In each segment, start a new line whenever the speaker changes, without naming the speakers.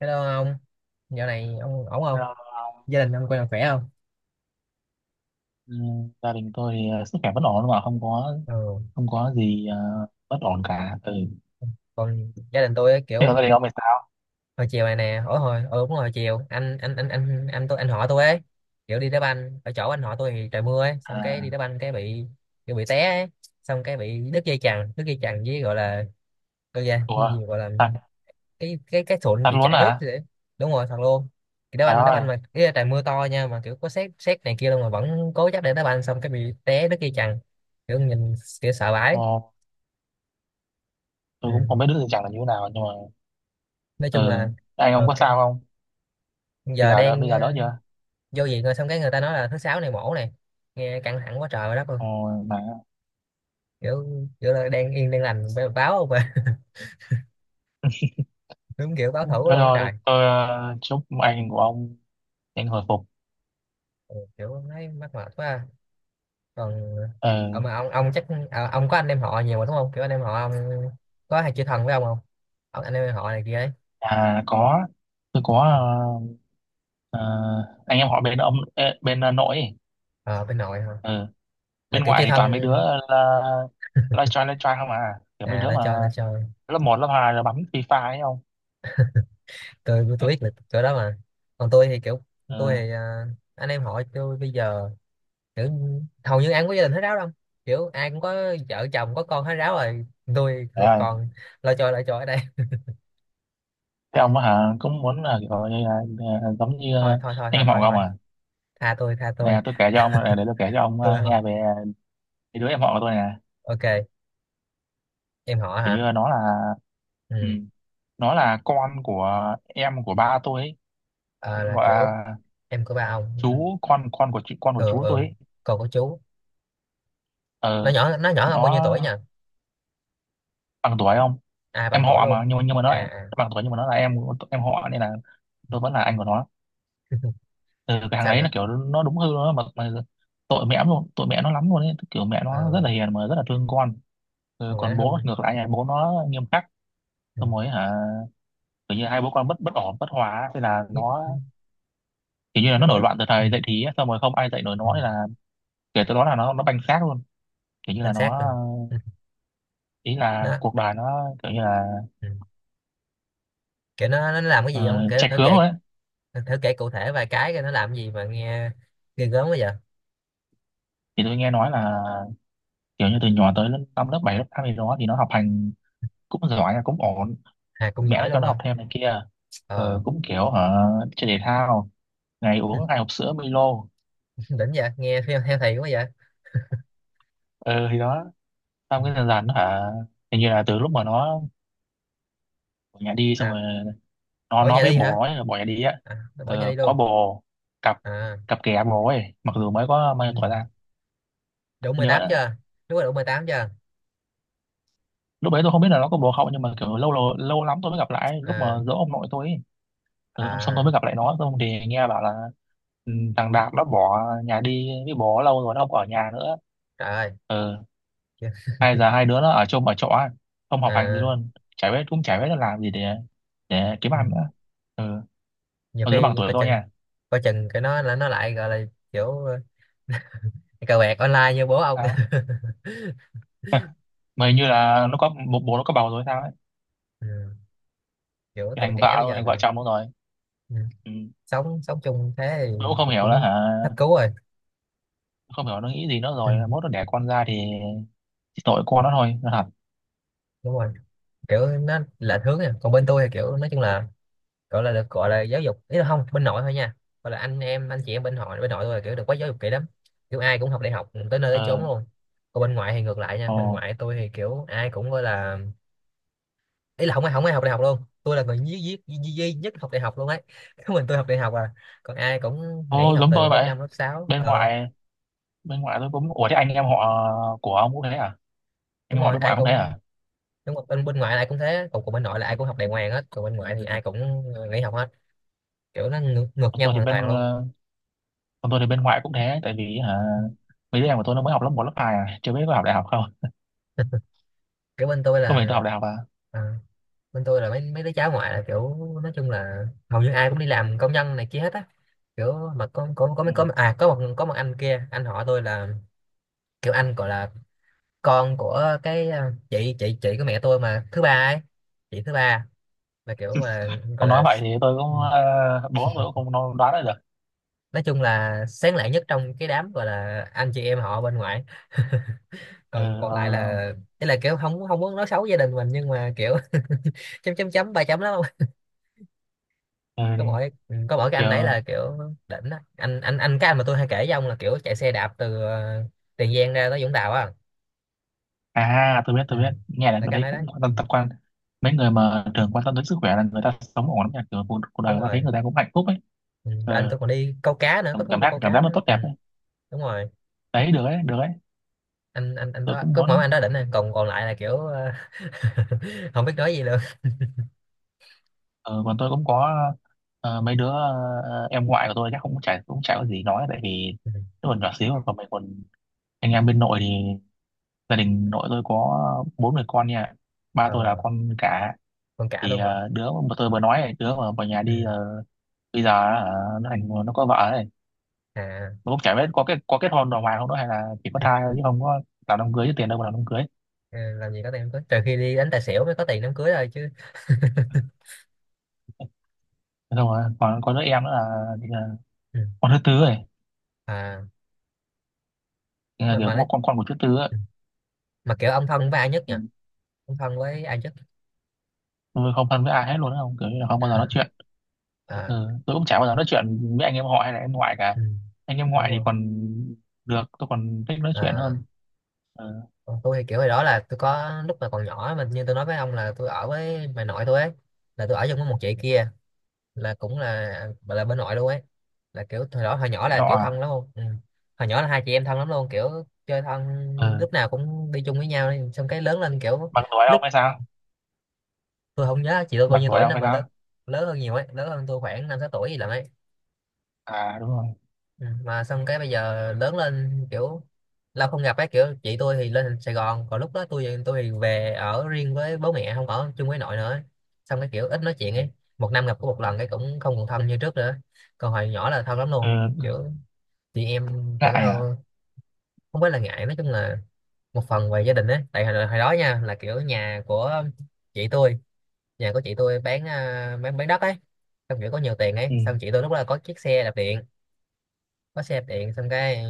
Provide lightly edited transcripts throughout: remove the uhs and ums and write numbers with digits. Hello ông, dạo này ông ổn
Ờ.
không? Gia đình ông coi là khỏe không?
ừ, Gia đình tôi thì sức khỏe vẫn ổn, mà không có
Ừ.
không có gì bất ổn cả. Ừ,
Còn gia đình tôi ấy,
thế còn
kiểu
gia đình ông thì sao?
hồi chiều này nè, hồi hồi ừ, đúng rồi, hồi chiều anh họ tôi ấy, kiểu đi đá banh ở chỗ anh họ tôi thì trời mưa ấy, xong cái đi
À,
đá banh cái bị té ấy. Xong cái bị đứt dây chằng với gọi là cái gì cái
ủa,
gì gọi là
tạt
cái sụn
tạt
bị
luôn
chảy nước
hả?
vậy. Đúng rồi, thật luôn. Thì đá
Trời
banh đá
ơi.
banh mà cái trời mưa to nha, mà kiểu có sét sét này kia luôn mà vẫn cố chấp để đá banh, xong cái bị té đứt dây chằng, kiểu nhìn kiểu sợ vãi.
Ồ, tôi
Ừ.
cũng không biết đứa tình trạng là như thế nào, nhưng mà
Nói chung
ừ,
là
anh ông có
cái
sao không? bây
giờ
giờ đỡ
đang
bây giờ đỡ chưa?
vô viện rồi, xong cái người ta nói là thứ sáu này mổ này, nghe căng thẳng quá trời quá đất luôn,
Ồ. Mà
kiểu kiểu là đang yên đang lành báo không à đúng kiểu báo
thế,
thủ luôn á
thôi
trời.
tôi chúc anh của ông nhanh hồi phục.
Ừ, kiểu thấy mắc mệt quá à. Còn còn
Ừ.
mà ông chắc ông có anh em họ nhiều mà đúng không? Kiểu anh em họ ông có hay chơi thân với ông không? Ông anh em họ này kia ấy.
À có, tôi có, ờ, ờ, anh em họ bên ông, bên nội ấy.
Ờ Bên nội hả?
Ừ,
Là
bên
kiểu
ngoại
chơi
thì
thân.
toàn mấy đứa là live try không à, kiểu mấy đứa
Nó
mà
chơi, nó chơi.
lớp một lớp 2 là bấm FIFA ấy không.
Tôi biết là chỗ đó mà. Còn tôi thì kiểu, tôi
Ừ.
thì à, anh em họ tôi bây giờ kiểu hầu như ai cũng có gia đình hết ráo đâu, kiểu ai cũng có vợ chồng có con hết ráo rồi. Tôi
Thế ơi,
còn lo cho ở đây.
thế ông á hả, cũng muốn là kiểu như là, à, giống như à,
Thôi thôi thôi
anh
thôi
em họ
thôi
của ông
thôi,
à?
tha tôi, tha tôi
Nè, tôi kể cho ông để tôi kể cho ông
tôi không.
nghe về cái đứa em họ của tôi nè.
Ok, em họ
Kiểu như
hả?
là nó là, ừ,
Ừ.
nó là con của em của ba tôi ấy.
Ờ, là
Gọi
kiểu
là
em của ba ông.
chú, con của chị, con của
Ừ,
chú
ừ,
tôi ấy.
còn của chú.
Ờ,
Nó nhỏ hơn bao nhiêu tuổi nhỉ?
nó bằng tuổi không?
À, bằng
Em
tuổi
họ
luôn.
mà, nhưng mà nó
à
lại-
à
bằng tuổi, nhưng mà nó là em họ, nên là tôi vẫn là anh của nó. Ừ, cái thằng
sao
đấy là
nữa?
kiểu nó đúng hư, nó mà tội mẹ luôn, tội mẹ nó lắm luôn ấy. Kiểu mẹ nó rất
ờ
là hiền, mà rất là thương con. Ừ,
mà ngoại
còn
nó hư.
bố ngược lại, nhà bố nó nghiêm khắc.
Ừ.
Xong rồi hả, kiểu như hai bố con bất bất ổn, bất hòa ấy. Thế là
Nhức.
nó
Ừ.
kiểu như là
Nó
nó nổi
bổi.
loạn từ
Ừ.
thời dậy thì ấy. Xong rồi không ai dạy nổi
Ừ.
nó, thế là kể từ đó là nó banh xác luôn. Kiểu như là
Anh
nó,
sát luôn. Ừ.
ý là
Nó.
cuộc đời nó kiểu như là
Ừ. Kiểu nó làm cái gì không kể,
chệch
thử
hướng
kể,
rồi ấy.
thử, thử kể cụ thể vài cái coi nó làm gì mà nghe ghê gớm quá vậy.
Thì tôi nghe nói là kiểu như từ nhỏ tới lớp năm lớp bảy lớp tám gì đó thì nó học hành cũng giỏi, cũng ổn.
À cũng
Mẹ nó
giỏi
cho
luôn
nó học
hả?
thêm này kia. Ờ,
ờ
cũng kiểu hả, chơi thể thao, ngày uống hai hộp sữa Milo.
đỉnh vậy, nghe theo thầy quá vậy.
Ờ thì đó,
Ừ.
xong cái dần dần nó hả, hình như là từ lúc mà nó bỏ nhà đi. Xong
À,
rồi nó
bỏ
nó
nhà
với
đi
bồ
hả?
nó là bỏ nhà đi á.
À, nó bỏ nhà
Ờ,
đi
có
luôn.
bồ, cặp
À.
cặp kè bồ ấy, mặc dù mới có bao nhiêu
Ừ.
tuổi ra.
Đủ
Tôi nhớ
18
đó,
chưa? Đúng rồi, đủ 18 chưa?
lúc đấy tôi không biết là nó có bồ không, nhưng mà kiểu lâu, lâu lắm tôi mới gặp lại, lúc mà
à
giỗ ông nội tôi ấy. Ừ, xong xong tôi mới
à
gặp lại nó, xong thì nghe bảo là ừ, thằng Đạt nó bỏ nhà đi với bố lâu rồi, nó không ở nhà nữa.
Trời ơi.
Ừ,
Chưa.
hai giờ hai đứa nó ở chung ở chỗ ấy, không học hành gì
À.
luôn. Chả biết, cũng chả biết là làm gì để kiếm
Ừ.
ăn nữa. Ừ,
Nhiều
mà đứa bằng
khi
tuổi
coi
tôi
chừng,
nha.
cái nó là nó lại gọi là kiểu cờ bạc online như bố ông
Sao? Mà hình như là nó có bố nó có bầu rồi sao ấy.
ừ. Kiểu tuổi
Thành
trẻ
vợ
bây
rồi,
giờ
thành vợ
mà.
chồng luôn rồi.
Ừ.
Ừ.
sống sống chung thế
Tôi cũng không
thì
hiểu nữa
cũng
hả,
hết cứu rồi.
không hiểu nó nghĩ gì nữa.
Ừ.
Rồi mốt nó đẻ con ra thì chỉ tội con nó thôi, nó thật.
Đúng rồi. Kiểu nó là hướng nè, còn bên tôi thì kiểu nói chung là, gọi là được gọi là giáo dục, ý là không, bên nội thôi nha. Gọi là anh chị em bên họ, bên nội tôi là kiểu được quá giáo dục kỹ lắm, kiểu ai cũng học đại học tới nơi tới chốn
Ờ.
luôn. Còn bên ngoại thì ngược lại nha, bên
Ồ.
ngoại tôi thì kiểu ai cũng gọi là, ý là không ai học đại học luôn. Tôi là người duy nhất học đại học luôn ấy. Có mình tôi học đại học à. Còn ai cũng nghỉ
Ồ,
học
giống
từ
tôi
lớp
vậy.
5 lớp sáu.
Bên
Ờ
ngoại, bên ngoại tôi cũng, ủa, thế anh em họ của ông cũng thế à? Anh
Đúng
em họ
rồi,
bên
ai
ngoại cũng thế
cũng.
à?
Bên bên ngoại là ai cũng thế, còn bên nội là ai cũng học đại ngoan hết, còn bên ngoại thì ai cũng nghỉ học hết, kiểu nó ngược
Còn
nhau
tôi thì
hoàn
bên
toàn luôn.
Còn tôi thì bên ngoại cũng thế, tại vì hả, mấy đứa em của tôi nó mới học lớp một lớp 2 à, chưa biết có học đại học không.
Kiểu bên tôi
Có mình
là
tôi học đại học à.
ờ, bên tôi là mấy mấy đứa cháu ngoại là kiểu nói chung là hầu như ai cũng đi làm công nhân này kia hết á. Kiểu mà có
Ừ.
mấy có à có một anh kia, anh họ tôi là kiểu anh gọi là con của cái chị của mẹ tôi mà thứ ba ấy. Chị thứ ba, là kiểu gọi là, gọi
Ông nói
là
vậy thì tôi
ừ,
cũng, ờ, bố tôi cũng không nói- đoán ra được.
nói chung là sáng lạng nhất trong cái đám gọi là anh chị em họ bên ngoại.
Ừ.
còn Còn lại
Ờ.
là, ý là kiểu không không muốn nói xấu gia đình mình nhưng mà kiểu chấm chấm chấm ba chấm lắm.
ờ,
có mỗi có mỗi cái anh đấy
kiểu,
là kiểu đỉnh đó. Anh Cái anh mà tôi hay kể với ông là kiểu chạy xe đạp từ Tiền Giang ra tới Vũng Tàu á.
tôi biết,
Ừ.
tôi biết. Nghe là
Là cái
tôi
anh
thấy
đấy đấy.
cũng quan
Ừ.
tâm tập quan. Mấy người mà thường quan tâm đến sức khỏe là người ta sống ổn lắm nha. Kiểu cuộc đời
Đúng
người ta thấy
rồi.
người ta cũng hạnh phúc ấy.
Ừ. Rồi anh
Ờ,
tôi còn đi câu cá nữa, có
cảm
thú vui câu
cảm giác
cá
nó
nữa.
tốt
Ừ.
đẹp ấy.
Đúng rồi.
Đấy, được ấy, được ấy.
Anh
Tôi
đó,
cũng
có mỗi
muốn.
anh đó đỉnh này, còn còn lại là kiểu không biết nói gì luôn.
Ờ, còn tôi cũng có mấy đứa, em ngoại của tôi, chắc cũng chả, cũng chả có gì nói, tại vì
Ừ.
nó còn nhỏ xíu. Còn mình, còn anh em bên nội thì gia đình nội tôi có bốn người con nha. Ba tôi là
ờ,
con cả.
con cả
Thì
luôn hả?
đứa mà tôi vừa nói ấy, đứa mà vào nhà
Ừ.
đi bây giờ nó thành, nó có vợ rồi.
À.
Nó cũng chả biết có kết hôn đàng hoàng không đó, hay là chỉ có
Ừ,
thai thôi chứ không có làm đám cưới. Chứ tiền đâu mà làm đám cưới.
làm gì có tiền đám cưới, trừ khi đi đánh tài xỉu mới có tiền đám cưới thôi chứ.
Thế xong rồi còn có đứa em nữa là, thì là
Ừ.
con thứ tư rồi.
À.
Thì là
mà
kiểu
mà, nói,
con của thứ tư ấy.
ừ, mà kiểu ông thân với ai nhất nhỉ?
Ừ.
Ông thân với ai nhất?
Tôi không thân với ai hết luôn á, không, kiểu như là không bao giờ nói chuyện.
À.
Ừ, tôi cũng chả bao giờ nói chuyện với anh em họ hay là em ngoại cả.
Ừ,
Anh em
đúng
ngoại thì
rồi.
còn được, tôi còn thích nói chuyện
à,
hơn. Ừ.
Còn tôi thì kiểu hồi đó là tôi có lúc mà còn nhỏ, mà như tôi nói với ông là tôi ở với bà nội tôi ấy, là tôi ở chung với một chị kia, là cũng là bà là bên nội luôn ấy, là kiểu hồi đó hồi nhỏ
Thì
là
họ
kiểu
à.
thân lắm luôn. Ừ. Hồi nhỏ là hai chị em thân lắm luôn, kiểu chơi thân,
Ừ.
lúc nào cũng đi chung với nhau ấy. Xong cái lớn lên kiểu
Bằng tuổi ông
lúc,
hay sao?
tôi không nhớ chị tôi bao
Bằng
nhiêu
tuổi
tuổi
ông
nữa
hay
mà
sao?
lớn lớn hơn nhiều ấy, lớn hơn tôi khoảng năm sáu tuổi gì lận ấy.
À, đúng rồi.
Ừ, mà xong cái bây giờ lớn lên kiểu lâu không gặp ấy, kiểu chị tôi thì lên Sài Gòn, còn lúc đó tôi thì về ở riêng với bố mẹ, không ở chung với nội nữa, xong cái kiểu ít nói chuyện
Ừ.
ấy. Một năm gặp có một lần, cái cũng không còn thân như trước nữa. Còn hồi nhỏ là thân lắm luôn,
Ừ.
kiểu chị em tưởng
Ngại à?
đâu. Không phải là ngại, nói chung là một phần về gia đình ấy, tại hồi đó nha là kiểu nhà của chị tôi, nhà của chị tôi bán bán đất ấy, xong kiểu có nhiều tiền ấy,
Ừ.
xong chị tôi lúc đó là có chiếc xe đạp điện, có xe đạp điện. Xong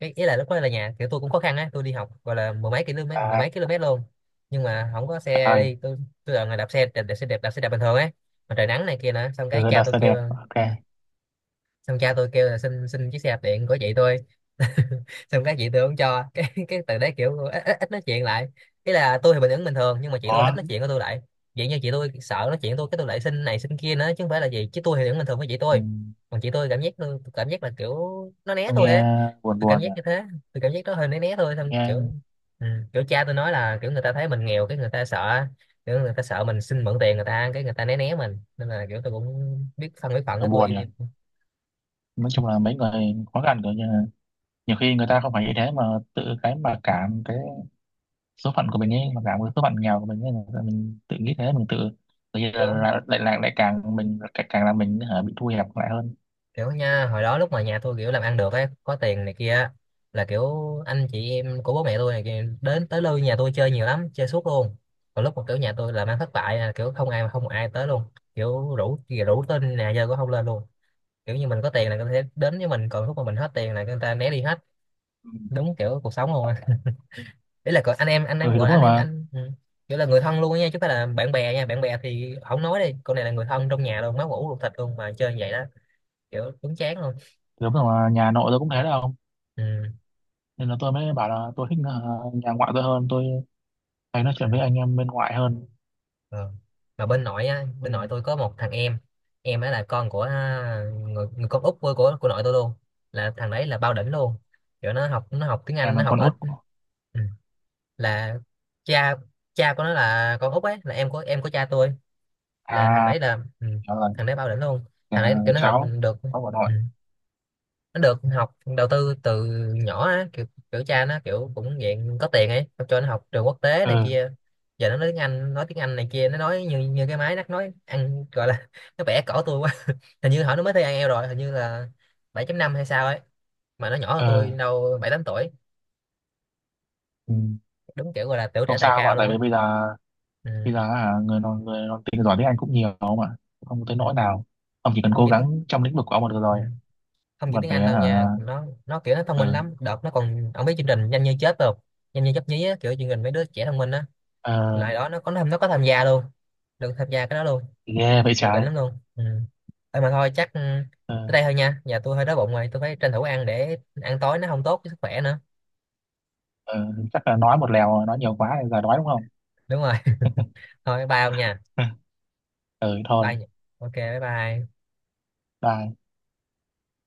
cái ý là lúc đó là nhà kiểu tôi cũng khó khăn á, tôi đi học gọi là mười mấy km, mười
À,
mấy km luôn, nhưng mà không có
trời
xe
ơi.
đi. Tôi đợi là người đạp xe đạp, đạp xe đạp bình thường ấy, mà trời nắng này kia nữa. Xong cái
Ừ,
cha
đặt
tôi
xe
kêu.
đẹp, ok.
Ừ. Xong cha tôi kêu là xin xin chiếc xe đạp điện của chị tôi. Xong cái chị tôi không cho, cái từ đấy kiểu ít nói chuyện lại. Ý là tôi thì bình thường nhưng mà chị tôi ít
Có.
nói chuyện với tôi lại, vậy như chị tôi sợ nói chuyện với tôi, cái tôi lại xin này xin kia nữa, chứ không phải là gì, chứ tôi thì vẫn bình thường với chị
Ừ.
tôi. Còn chị tôi cảm giác tôi cảm giác là kiểu nó né
Tôi
tôi
nghe
ấy.
buồn,
Tôi cảm
buồn nhỉ.
giác như thế. Tôi cảm giác đó hơi né né thôi. Xong kiểu
Nghe
ừ, kiểu cha tôi nói là kiểu người ta thấy mình nghèo cái người ta sợ, kiểu người ta sợ mình xin mượn tiền người ta, cái người ta né né mình, nên là kiểu tôi cũng biết phân biết phận,
thở
cái tôi
buồn
im
nhỉ.
im.
Nói chung là mấy người khó khăn rồi, nhưng mà nhiều khi người ta không phải như thế, mà tự cái mà cảm cái số phận của mình ấy, mà cả một số phận nghèo của mình ấy, là mình tự nghĩ thế. Mình tự, tự nhiên
Kiểu
là- lại lại lại càng mình, càng càng là mình hả, bị thu hẹp lại hơn.
Kiểu nha, hồi đó lúc mà nhà tôi kiểu làm ăn được ấy, có tiền này kia á, là kiểu anh chị em của bố mẹ tôi này kia đến tới lui nhà tôi chơi nhiều lắm, chơi suốt luôn. Còn lúc mà kiểu nhà tôi làm ăn thất bại là kiểu không ai, mà không một ai tới luôn, kiểu rủ rủ tên nhà chơi cũng không lên luôn. Kiểu như mình có tiền là người ta sẽ đến với mình, còn lúc mà mình hết tiền là người ta né đi hết,
Ừ.
đúng kiểu cuộc sống luôn á. Ý là gọi anh
Ừ
em
thì
gọi
đúng
là anh
rồi
em
mà.
anh. Ừ. Kiểu là người thân luôn á nha, chứ không phải là bạn bè nha, bạn bè thì không nói đi con, này là người thân trong nhà luôn, máu mủ ruột thịt luôn mà chơi như vậy đó. Kiểu đúng chán luôn.
Thì đúng rồi mà, nhà nội tôi cũng thế đâu.
Ừ.
Nên là tôi mới bảo là tôi thích nhà ngoại tôi hơn. Tôi hay nói chuyện
Ừ.
với anh em bên ngoại hơn.
Ờ. Mà bên nội á,
Ừ.
bên nội tôi có một thằng em. Em đó là con của người con út của nội tôi luôn, là thằng đấy là bao đỉnh luôn. Kiểu nó học tiếng
Em
Anh, nó
là
học
con
ở.
út của,
Ừ. Là cha cha của nó là con út ấy, là em của cha tôi.
à,
Là thằng đấy là ừ,
đó là
thằng đấy bao đỉnh luôn. Thằng
nhà
đấy kiểu nó học
cháu,
được.
cháu của nội.
Ừ, nó được học đầu tư từ nhỏ á, kiểu cha nó kiểu cũng dạng có tiền ấy, cho nó học trường quốc tế này
Ừ.
kia. Giờ nó nói tiếng Anh, nói tiếng Anh này kia, nó nói như như cái máy, nó nói ăn gọi là nó bẻ cổ tôi quá. Hình như hỏi nó mới thi IELTS rồi, hình như là 7.5 hay sao ấy, mà nó nhỏ hơn
Ừ.
tôi đâu bảy tám tuổi.
Ừ.
Đúng kiểu gọi là tiểu trẻ
Không
tài
sao,
cao
mà tại
luôn
vì
á.
bây giờ,
Ừ.
bây giờ hả, người nói tiếng giỏi tiếng Anh cũng nhiều mà, không tới
Ừ.
nỗi nào. Ông chỉ cần
không
cố
chỉ tiếng
gắng trong lĩnh vực của ông là được
Ừ,
rồi.
không chỉ
Mặt
tiếng Anh
bé
đâu
hả?
nha, nó kiểu nó thông minh
Ờ.
lắm. Đợt nó còn, ông biết chương trình Nhanh Như Chết không? Nhanh Như Chớp Nhí á, kiểu chương trình mấy đứa trẻ thông minh á.
Ờ.
Lại đó nó có tham gia luôn, được tham gia cái đó luôn,
Ghê vậy
kiểu đỉnh
trái.
lắm luôn. Ừ. Thôi chắc ừ,
Ờ.
tới đây thôi nha, nhà tôi hơi đói bụng rồi, tôi phải tranh thủ ăn, để ăn tối nó không tốt với sức khỏe nữa.
Ờ, chắc là nói một lèo, nói nhiều quá nên giờ đói đúng không?
Đúng rồi thôi, bye ông nha.
Ừ,
Bye
thôi,
nha. Ok, bye bye.
bye.